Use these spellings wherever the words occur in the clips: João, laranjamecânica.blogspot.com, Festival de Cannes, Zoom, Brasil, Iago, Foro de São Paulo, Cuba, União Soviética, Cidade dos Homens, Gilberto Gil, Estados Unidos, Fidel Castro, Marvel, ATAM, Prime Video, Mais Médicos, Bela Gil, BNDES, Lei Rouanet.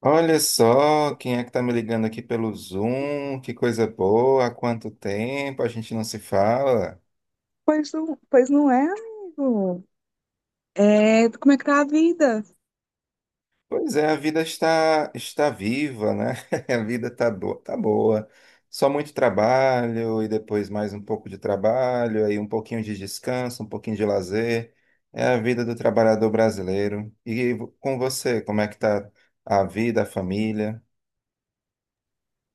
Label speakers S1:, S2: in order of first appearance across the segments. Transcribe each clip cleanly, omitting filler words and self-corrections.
S1: Olha só, quem é que tá me ligando aqui pelo Zoom? Que coisa boa, há quanto tempo a gente não se fala?
S2: Pois não é, amigo. É, como é que tá a vida?
S1: Pois é, a vida está viva, né? A vida tá boa, tá boa. Só muito trabalho e depois mais um pouco de trabalho, aí um pouquinho de descanso, um pouquinho de lazer. É a vida do trabalhador brasileiro. E com você, como é que tá a vida, a família?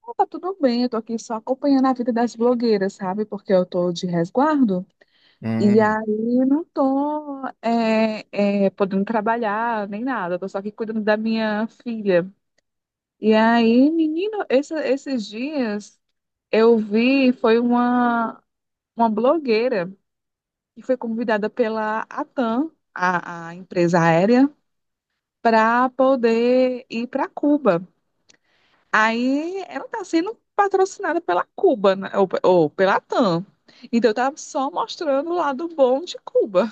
S2: Ah, tá tudo bem, eu tô aqui só acompanhando a vida das blogueiras, sabe? Porque eu tô de resguardo e
S1: Hum,
S2: aí não tô é, podendo trabalhar nem nada, tô só aqui cuidando da minha filha. E aí, menino, esses dias eu vi, foi uma blogueira que foi convidada pela ATAM, a empresa aérea, para poder ir para Cuba. Aí ela está sendo patrocinada pela Cuba, né? Ou pela TAM. Então eu tava só mostrando o lado bom de Cuba.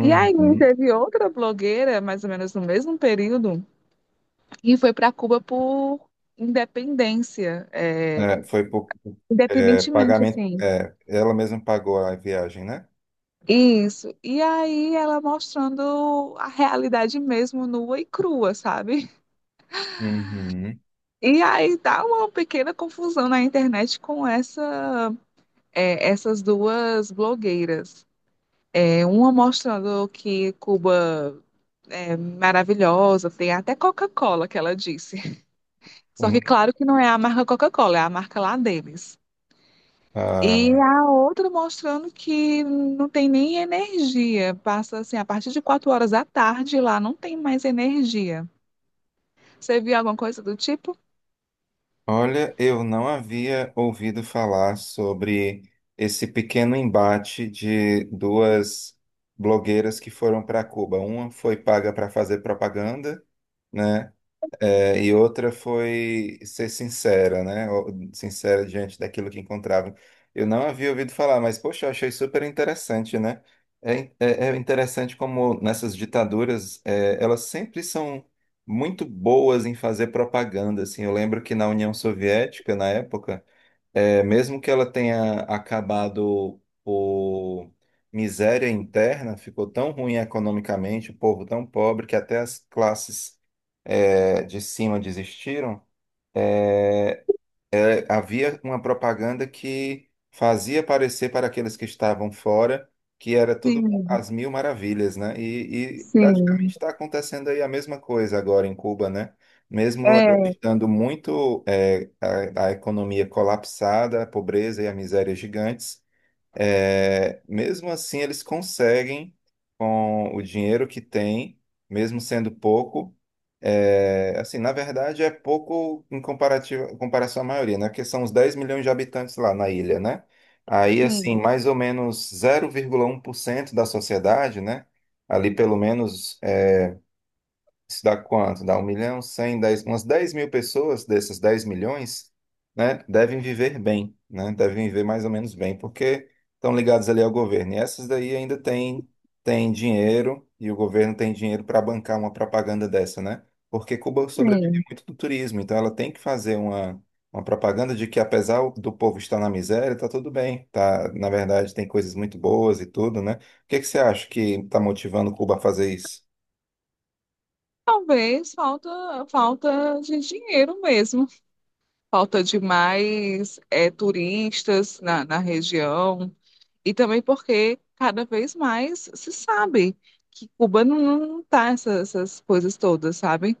S2: E aí
S1: hum.
S2: teve outra blogueira, mais ou menos no mesmo período, e foi para Cuba por independência,
S1: É, foi por
S2: independentemente,
S1: pagamento.
S2: assim.
S1: É, ela mesma pagou a viagem, né?
S2: Isso. E aí ela mostrando a realidade mesmo nua e crua, sabe?
S1: Uhum.
S2: E aí dá uma pequena confusão na internet com essa, essas duas blogueiras. É uma mostrando que Cuba é maravilhosa, tem até Coca-Cola que ela disse. Só que
S1: Uhum.
S2: claro que não é a marca Coca-Cola, é a marca lá deles. E
S1: Ah,
S2: a outra mostrando que não tem nem energia. Passa assim, a partir de 4 horas da tarde lá não tem mais energia. Você viu alguma coisa do tipo?
S1: Olha, eu não havia ouvido falar sobre esse pequeno embate de duas blogueiras que foram para Cuba. Uma foi paga para fazer propaganda, né? É, e outra foi ser sincera, né? Sincera diante daquilo que encontrava. Eu não havia ouvido falar, mas, poxa, eu achei super interessante, né? É, é interessante como nessas ditaduras, é, elas sempre são muito boas em fazer propaganda, assim. Eu lembro que na União Soviética, na época, é, mesmo que ela tenha acabado por miséria interna, ficou tão ruim economicamente, o povo tão pobre que até as classes, é, de cima desistiram. Havia uma propaganda que fazia parecer para aqueles que estavam fora que era tudo
S2: Sim,
S1: às mil maravilhas, né? E praticamente
S2: sim.
S1: está acontecendo aí a mesma coisa agora em Cuba, né? Mesmo ela
S2: É,
S1: estando muito a economia colapsada, a pobreza e a miséria gigantes, é, mesmo assim, eles conseguem, com o dinheiro que têm, mesmo sendo pouco, é, assim, na verdade é pouco em comparativo, em comparação à maioria, né? Porque são os 10 milhões de habitantes lá na ilha, né? Aí, assim,
S2: sim,
S1: mais ou menos 0,1% da sociedade, né? Ali pelo menos isso dá quanto? Dá 1 milhão, cem, dez, umas 10 mil pessoas dessas 10 milhões, né, devem viver bem, né, devem viver mais ou menos bem, porque estão ligados ali ao governo. E essas daí ainda têm dinheiro, e o governo tem dinheiro para bancar uma propaganda dessa, né? Porque Cuba sobrevive
S2: sim.
S1: muito do turismo, então ela tem que fazer uma propaganda de que apesar do povo estar na miséria, tá tudo bem, tá, na verdade tem coisas muito boas e tudo, né? O que que você acha que está motivando Cuba a fazer isso?
S2: Talvez falta de dinheiro mesmo. Falta de mais turistas na região e também porque cada vez mais se sabe que Cuba não tá essas coisas todas, sabe?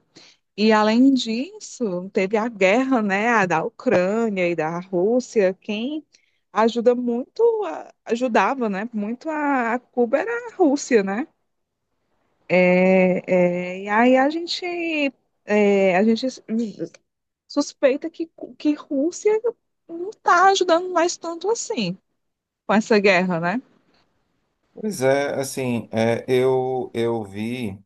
S2: E além disso, teve a guerra, né, a da Ucrânia e da Rússia, quem ajuda muito, ajudava, né, muito a Cuba era a Rússia, né? É, e aí a gente suspeita que Rússia não está ajudando mais tanto assim com essa guerra, né?
S1: Pois é, assim, é, eu vi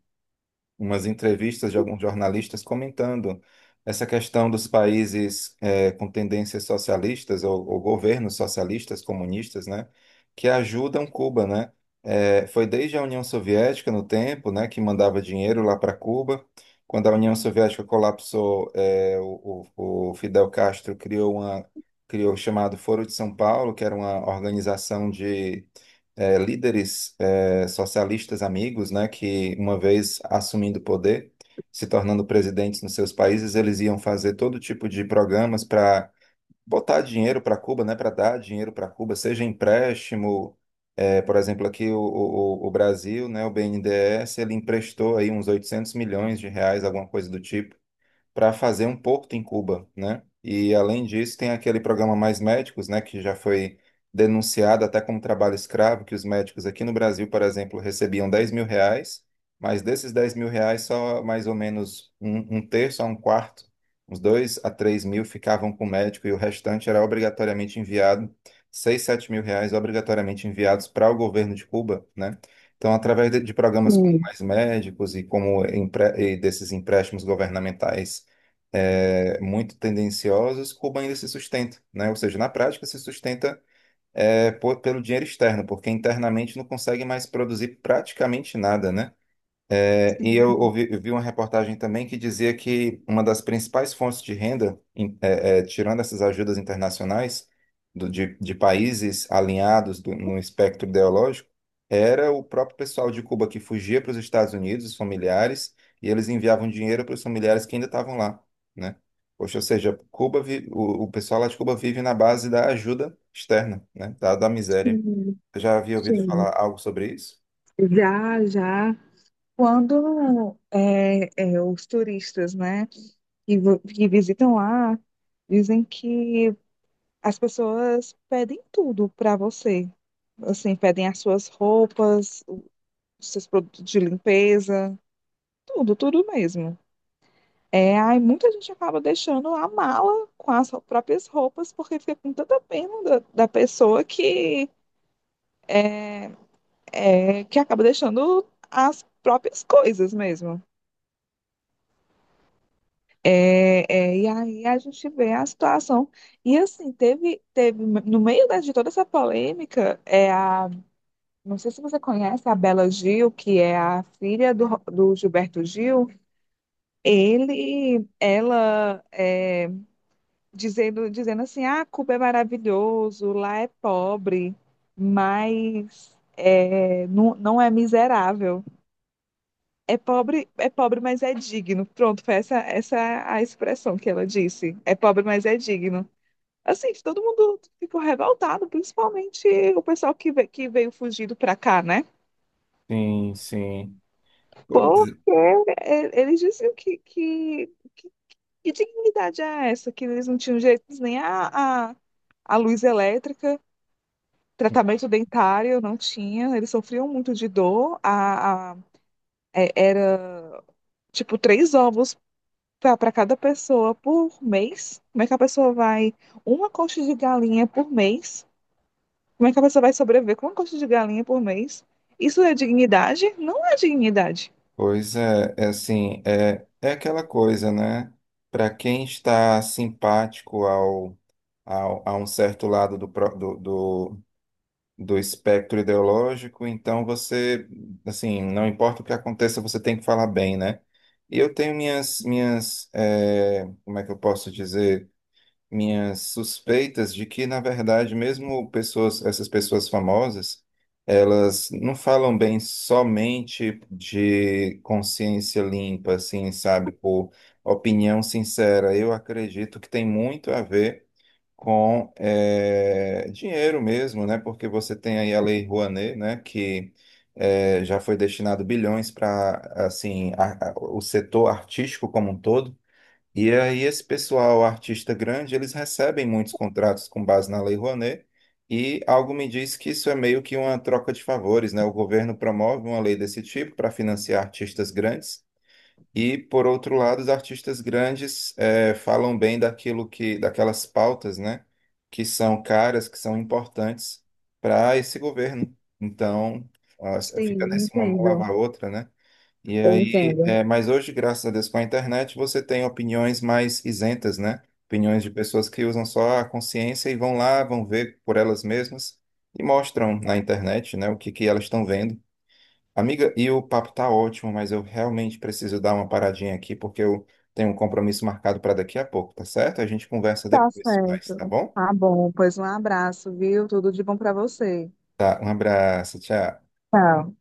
S1: umas entrevistas de alguns jornalistas comentando essa questão dos países é, com tendências socialistas ou governos socialistas, comunistas, né, que ajudam Cuba, né? É, foi desde a União Soviética no tempo, né, que mandava dinheiro lá para Cuba. Quando a União Soviética colapsou, é, o Fidel Castro criou o chamado Foro de São Paulo, que era uma organização de líderes socialistas amigos, né, que uma vez assumindo o poder, se tornando presidentes nos seus países, eles iam fazer todo tipo de programas para botar dinheiro para Cuba, né, para dar dinheiro para Cuba, seja empréstimo, por exemplo, aqui o Brasil, né, o BNDES, ele emprestou aí uns R$ 800 milhões, alguma coisa do tipo para fazer um porto em Cuba, né? E além disso, tem aquele programa Mais Médicos, né, que já foi denunciado até como trabalho escravo, que os médicos aqui no Brasil, por exemplo, recebiam R$ 10 mil, mas desses R$ 10 mil, só mais ou menos um terço a um quarto, uns 2 a 3 mil ficavam com o médico e o restante era obrigatoriamente enviado, 6, 7 mil reais obrigatoriamente enviados para o governo de Cuba, né? Então, através de programas como
S2: Sim,
S1: Mais Médicos e como desses empréstimos governamentais é, muito tendenciosas, Cuba ainda se sustenta, né? Ou seja, na prática se sustenta é, pelo dinheiro externo, porque internamente não consegue mais produzir praticamente nada, né? E eu
S2: sim,
S1: ouvi, eu vi uma reportagem também que dizia que uma das principais fontes de renda, é, tirando essas ajudas internacionais de países alinhados no espectro ideológico, era o próprio pessoal de Cuba que fugia para os Estados Unidos, os familiares, e eles enviavam dinheiro para os familiares que ainda estavam lá, né? Poxa, ou seja, o pessoal lá de Cuba vive na base da ajuda externa, né? Da, da miséria.
S2: sim,
S1: Eu já havia ouvido
S2: sim.
S1: falar algo sobre isso?
S2: Já, já. Quando os turistas, né, que visitam lá, dizem que as pessoas pedem tudo para você. Assim, pedem as suas roupas, os seus produtos de limpeza, tudo, tudo mesmo. É, aí muita gente acaba deixando a mala com as próprias roupas, porque fica com tanta pena da pessoa que acaba deixando as próprias coisas mesmo. É, e aí a gente vê a situação. E assim, teve no meio de toda essa polêmica, não sei se você conhece a Bela Gil, que é a filha do Gilberto Gil, ela dizendo assim, ah, Cuba é maravilhoso, lá é pobre, mas não, não é miserável. É pobre, mas é digno. Pronto, foi essa a expressão que ela disse. É pobre, mas é digno. Assim, todo mundo ficou revoltado, principalmente o pessoal que veio fugido para cá, né?
S1: Sim, sim. Pois
S2: Porque,
S1: é.
S2: eles diziam que, que dignidade é essa? Que eles não tinham direito nem a luz elétrica, tratamento dentário, não tinha. Eles sofriam muito de dor. Era tipo três ovos para cada pessoa por mês. Como é que a pessoa vai? Uma coxa de galinha por mês. Como é que a pessoa vai sobreviver com uma coxa de galinha por mês? Isso é dignidade? Não é dignidade.
S1: Pois é, é assim, é, é aquela coisa, né? Para quem está simpático ao, ao, a um certo lado do, do espectro ideológico, então você, assim, não importa o que aconteça, você tem que falar bem, né? E eu tenho minhas, eh, como é que eu posso dizer? Minhas suspeitas de que, na verdade, essas pessoas famosas, elas não falam bem somente de consciência limpa, assim, sabe, por opinião sincera. Eu acredito que tem muito a ver com dinheiro mesmo, né? Porque você tem aí a Lei Rouanet, né? Que já foi destinado bilhões para, assim, o setor artístico como um todo. E aí, esse pessoal, artista grande, eles recebem muitos contratos com base na Lei Rouanet, e algo me diz que isso é meio que uma troca de favores, né? O governo promove uma lei desse tipo para financiar artistas grandes, e, por outro lado, os artistas grandes falam bem daquilo que, daquelas pautas, né? Que são caras, que são importantes para esse governo. Então, ah, fica
S2: Sim,
S1: nesse uma mão
S2: entendo.
S1: lavar a outra, né? E
S2: Eu
S1: aí,
S2: entendo.
S1: é, mas hoje, graças a Deus, com a internet, você tem opiniões mais isentas, né? Opiniões de pessoas que usam só a consciência e vão lá, vão ver por elas mesmas e mostram na internet, né, o que que elas estão vendo. Amiga, e o papo tá ótimo, mas eu realmente preciso dar uma paradinha aqui porque eu tenho um compromisso marcado para daqui a pouco, tá certo? A gente conversa
S2: Tá
S1: depois, mas
S2: certo.
S1: tá bom?
S2: Tá bom, pois um abraço, viu? Tudo de bom para você.
S1: Tá, um abraço, tchau.
S2: Tchau.